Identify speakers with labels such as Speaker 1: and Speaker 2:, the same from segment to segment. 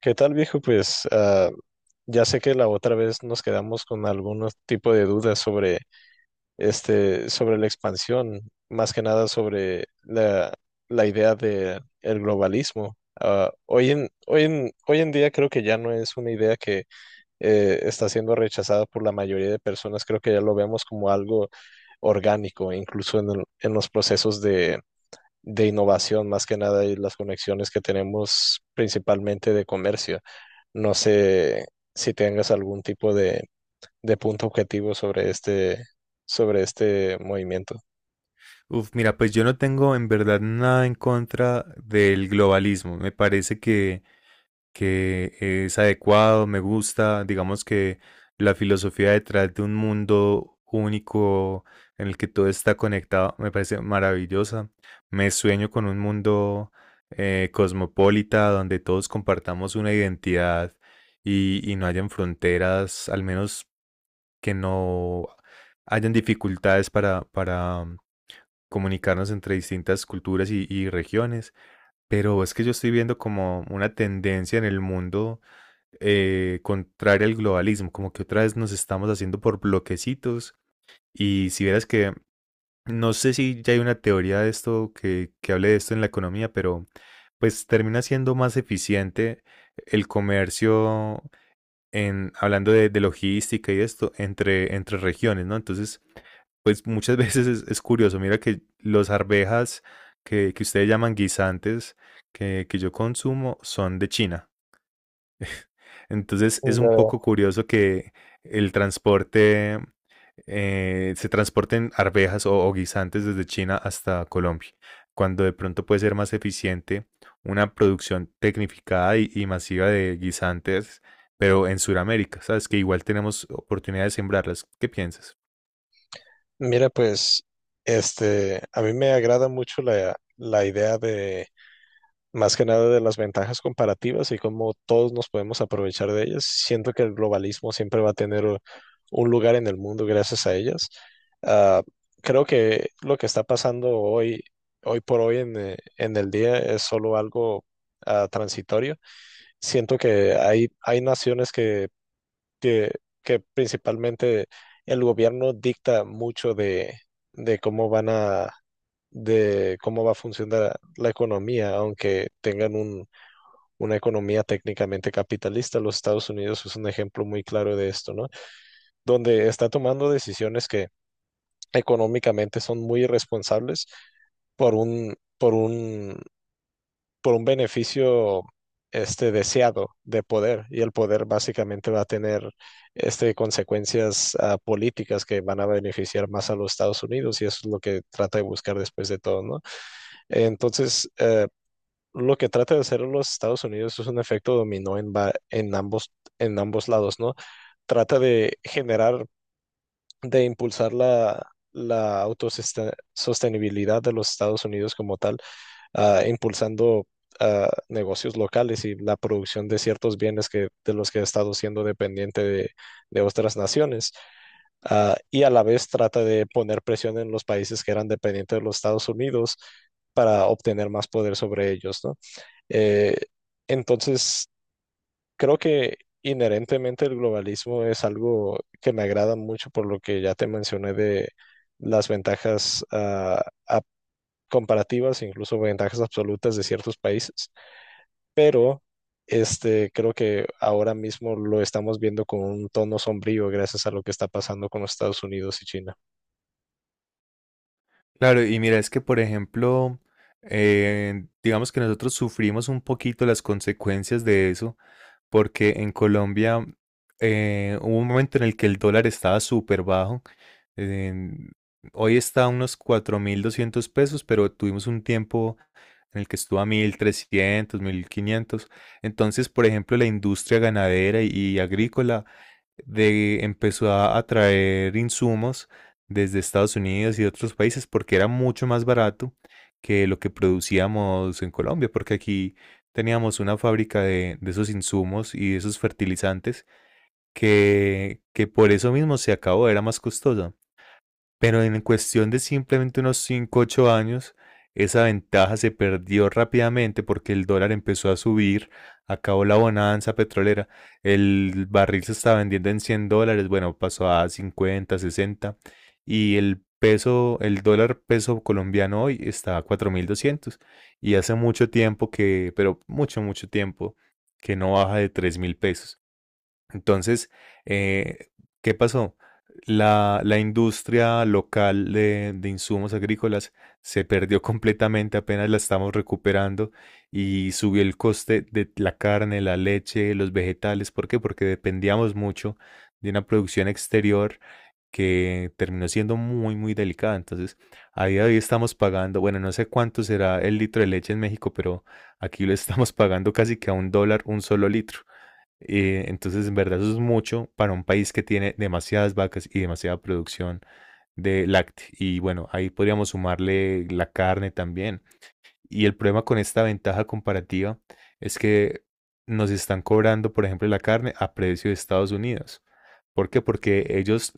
Speaker 1: ¿Qué tal, viejo? Ya sé que la otra vez nos quedamos con algún tipo de dudas sobre sobre la expansión, más que nada sobre la idea de el globalismo. Hoy en día creo que ya no es una idea que está siendo rechazada por la mayoría de personas. Creo que ya lo vemos como algo orgánico, incluso en los procesos de innovación, más que nada, y las conexiones que tenemos principalmente de comercio. No sé si tengas algún tipo de punto objetivo sobre sobre este movimiento.
Speaker 2: Uf, mira, pues yo no tengo en verdad nada en contra del globalismo. Me parece que es adecuado, me gusta, digamos que la filosofía detrás de un mundo único en el que todo está conectado me parece maravillosa. Me sueño con un mundo cosmopolita donde todos compartamos una identidad y no hayan fronteras, al menos que no hayan dificultades para comunicarnos entre distintas culturas y regiones, pero es que yo estoy viendo como una tendencia en el mundo contraria al globalismo, como que otra vez nos estamos haciendo por bloquecitos y si vieras que no sé si ya hay una teoría de esto que hable de esto en la economía, pero pues termina siendo más eficiente el comercio en, hablando de logística y esto, entre regiones, ¿no? Entonces, pues muchas veces es curioso, mira que los arvejas que ustedes llaman guisantes, que yo consumo, son de China. Entonces es un
Speaker 1: Ya.
Speaker 2: poco curioso que el transporte, se transporten arvejas o guisantes desde China hasta Colombia, cuando de pronto puede ser más eficiente una producción tecnificada y masiva de guisantes, pero en Sudamérica, ¿sabes? Que igual tenemos oportunidad de sembrarlas. ¿Qué piensas?
Speaker 1: Mira, pues, a mí me agrada mucho la idea de más que nada de las ventajas comparativas y cómo todos nos podemos aprovechar de ellas. Siento que el globalismo siempre va a tener un lugar en el mundo gracias a ellas. Ah, Creo que lo que está pasando hoy por hoy en el día es solo algo transitorio. Siento que hay naciones que, que principalmente el gobierno dicta mucho de cómo van a de cómo va a funcionar la economía, aunque tengan una economía técnicamente capitalista. Los Estados Unidos es un ejemplo muy claro de esto, ¿no? Donde está tomando decisiones que económicamente son muy irresponsables por un, por un, por un beneficio deseado de poder, y el poder básicamente va a tener consecuencias políticas que van a beneficiar más a los Estados Unidos, y eso es lo que trata de buscar después de todo, ¿no? Entonces, lo que trata de hacer los Estados Unidos es un efecto dominó en ambos lados, ¿no? Trata de generar, de impulsar la autosostenibilidad de los Estados Unidos como tal, impulsando negocios locales y la producción de ciertos bienes, que, de los que ha estado siendo dependiente de otras naciones. Ah, y a la vez trata de poner presión en los países que eran dependientes de los Estados Unidos para obtener más poder sobre ellos, ¿no? Eh, entonces, creo que inherentemente el globalismo es algo que me agrada mucho por lo que ya te mencioné de las ventajas comparativas, incluso ventajas absolutas de ciertos países, pero creo que ahora mismo lo estamos viendo con un tono sombrío gracias a lo que está pasando con los Estados Unidos y China.
Speaker 2: Claro, y mira, es que por ejemplo, digamos que nosotros sufrimos un poquito las consecuencias de eso, porque en Colombia hubo un momento en el que el dólar estaba súper bajo. en- Hoy está a unos 4.200 pesos, pero tuvimos un tiempo en el que estuvo a 1.300 1.500. Entonces, por ejemplo, la industria ganadera y agrícola empezó a traer insumos desde Estados Unidos y otros países porque era mucho más barato que lo que producíamos en Colombia, porque aquí teníamos una fábrica de esos insumos y de esos fertilizantes que por eso mismo se acabó, era más costosa. Pero en cuestión de simplemente unos 5 8 años, esa ventaja se perdió rápidamente porque el dólar empezó a subir, acabó la bonanza petrolera, el barril se estaba vendiendo en 100 dólares, bueno, pasó a 50, 60 y el peso, el dólar peso colombiano hoy está a 4.200 y hace mucho tiempo que, pero mucho, mucho tiempo, que no baja de 3.000 pesos. Entonces, eh, ¿qué pasó? La industria local de insumos agrícolas se perdió completamente, apenas la estamos recuperando y subió el coste de la carne, la leche, los vegetales. ¿Por qué? Porque dependíamos mucho de una producción exterior que terminó siendo muy, muy delicada. Entonces, a día de hoy estamos pagando, bueno, no sé cuánto será el litro de leche en México, pero aquí lo estamos pagando casi que a 1 dólar un solo litro. Entonces, en verdad, eso es mucho para un país que tiene demasiadas vacas y demasiada producción de lácteos. Y bueno, ahí podríamos sumarle la carne también. Y el problema con esta ventaja comparativa es que nos están cobrando, por ejemplo, la carne a precio de Estados Unidos. ¿Por qué? Porque ellos,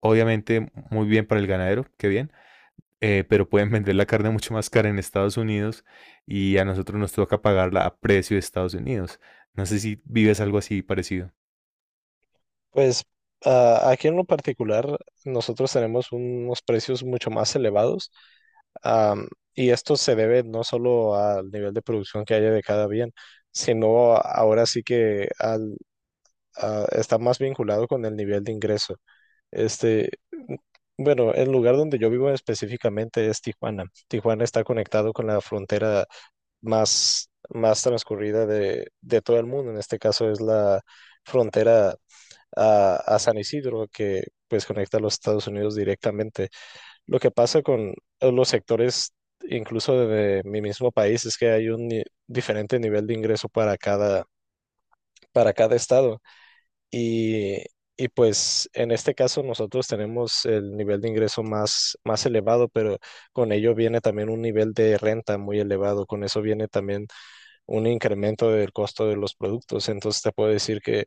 Speaker 2: obviamente, muy bien para el ganadero, qué bien, pero pueden vender la carne mucho más cara en Estados Unidos y a nosotros nos toca pagarla a precio de Estados Unidos. No sé si vives algo así parecido.
Speaker 1: Pues Aquí en lo particular, nosotros tenemos unos precios mucho más elevados. Am, y esto se debe no solo al nivel de producción que haya de cada bien, sino ahora sí que está más vinculado con el nivel de ingreso. Este, bueno, el lugar donde yo vivo específicamente es Tijuana. Tijuana está conectado con la frontera más transcurrida de todo el mundo. En este caso es la frontera a San Isidro, que pues conecta a los Estados Unidos directamente. Lo que pasa con los sectores, incluso de mi mismo país, es que hay un ni- diferente nivel de ingreso para para cada estado. Y, y pues en este caso nosotros tenemos el nivel de ingreso más elevado, pero con ello viene también un nivel de renta muy elevado. Con eso viene también un incremento del costo de los productos. Entonces te puedo decir que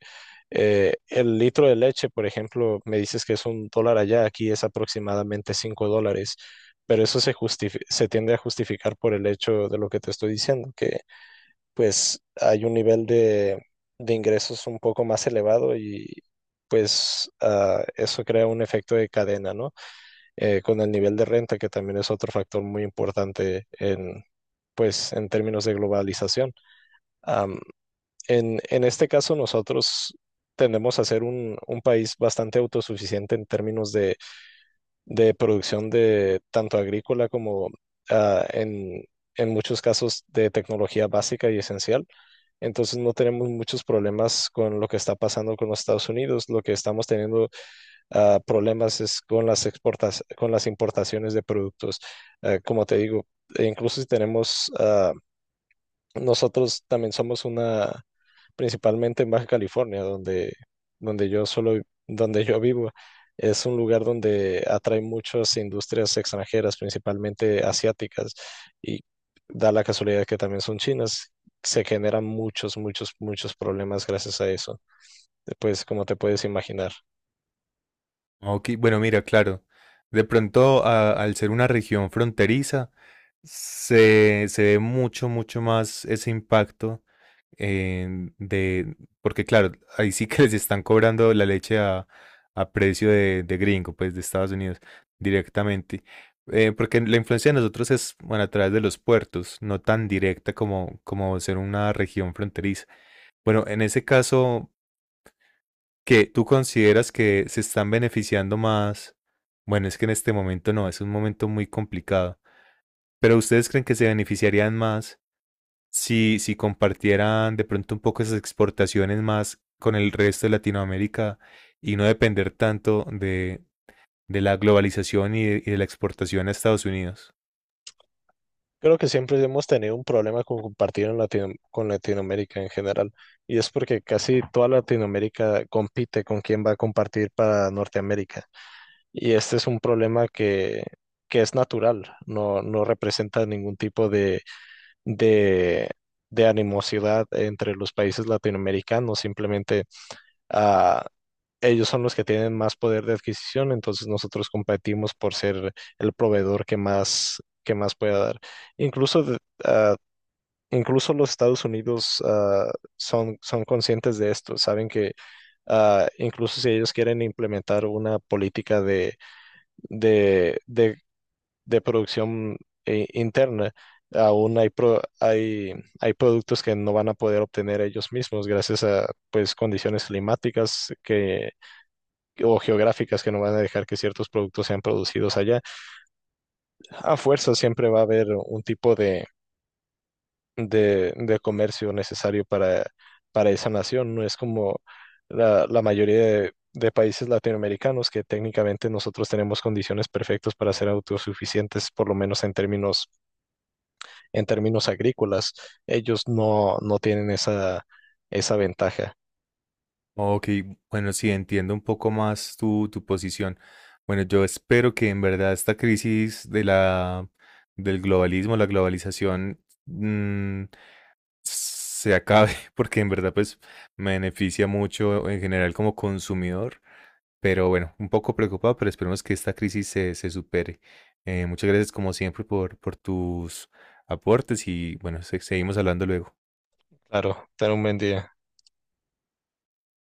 Speaker 1: el litro de leche, por ejemplo, me dices que es $1 allá, aquí es aproximadamente $5, pero eso se tiende a justificar por el hecho de lo que te estoy diciendo, que pues hay un nivel de ingresos un poco más elevado y pues eso crea un efecto de cadena, ¿no? Con el nivel de renta, que también es otro factor muy importante en, pues, en términos de globalización. Am, en este caso, nosotros tendemos a ser un país bastante autosuficiente en términos de producción de tanto agrícola como ah, en, en muchos casos de tecnología básica y esencial. Entonces no tenemos muchos problemas con lo que está pasando con los Estados Unidos. Lo que estamos teniendo problemas es con las exportas, con las importaciones de productos. Como te digo, e incluso si tenemos, nosotros también somos una, principalmente en Baja California, donde yo solo, donde yo vivo. Es un lugar donde atrae muchas industrias extranjeras, principalmente asiáticas, y da la casualidad que también son chinas. Se generan muchos problemas gracias a eso, pues, como te puedes imaginar.
Speaker 2: Ok, bueno, mira, claro. De pronto, al ser una región fronteriza, se ve mucho, mucho más ese impacto de, porque claro, ahí sí que les están cobrando la leche a precio de gringo, pues de Estados Unidos, directamente. Porque la influencia de nosotros es, bueno, a través de los puertos, no tan directa como ser una región fronteriza. Bueno, en ese caso, que tú consideras que se están beneficiando más. Bueno, es que en este momento no, es un momento muy complicado. Pero ustedes creen que se beneficiarían más si compartieran de pronto un poco esas exportaciones más con el resto de Latinoamérica y no depender tanto de la globalización y de la exportación a Estados Unidos.
Speaker 1: Creo que siempre hemos tenido un problema con compartir en con Latinoamérica en general, y es porque casi toda Latinoamérica compite con quién va a compartir para Norteamérica. Y este es un problema que es natural, no, no representa ningún tipo de, de animosidad entre los países latinoamericanos. Simplemente ah, ellos son los que tienen más poder de adquisición, entonces nosotros competimos por ser el proveedor que más pueda dar. Incluso, de- ah, Incluso los Estados Unidos son, son conscientes de esto. Saben que incluso si ellos quieren implementar una política de, de de producción interna, hay, hay productos que no van a poder obtener ellos mismos gracias a, pues, condiciones climáticas o geográficas que no van a dejar que ciertos productos sean producidos allá. A fuerza siempre va a haber un tipo de comercio necesario para esa nación. No es como la mayoría de países latinoamericanos, que técnicamente nosotros tenemos condiciones perfectas para ser autosuficientes, por lo menos en términos agrícolas. Ellos no, no tienen esa, esa ventaja.
Speaker 2: Ok, bueno, sí, entiendo un poco más tu posición. Bueno, yo espero que en verdad esta crisis del globalismo, la globalización, mm, se acabe, porque en verdad pues me beneficia mucho en general como consumidor, pero bueno, un poco preocupado, pero esperemos que esta crisis se supere. Muchas gracias como siempre por tus aportes y bueno, seguimos hablando luego.
Speaker 1: Claro, ten un buen día.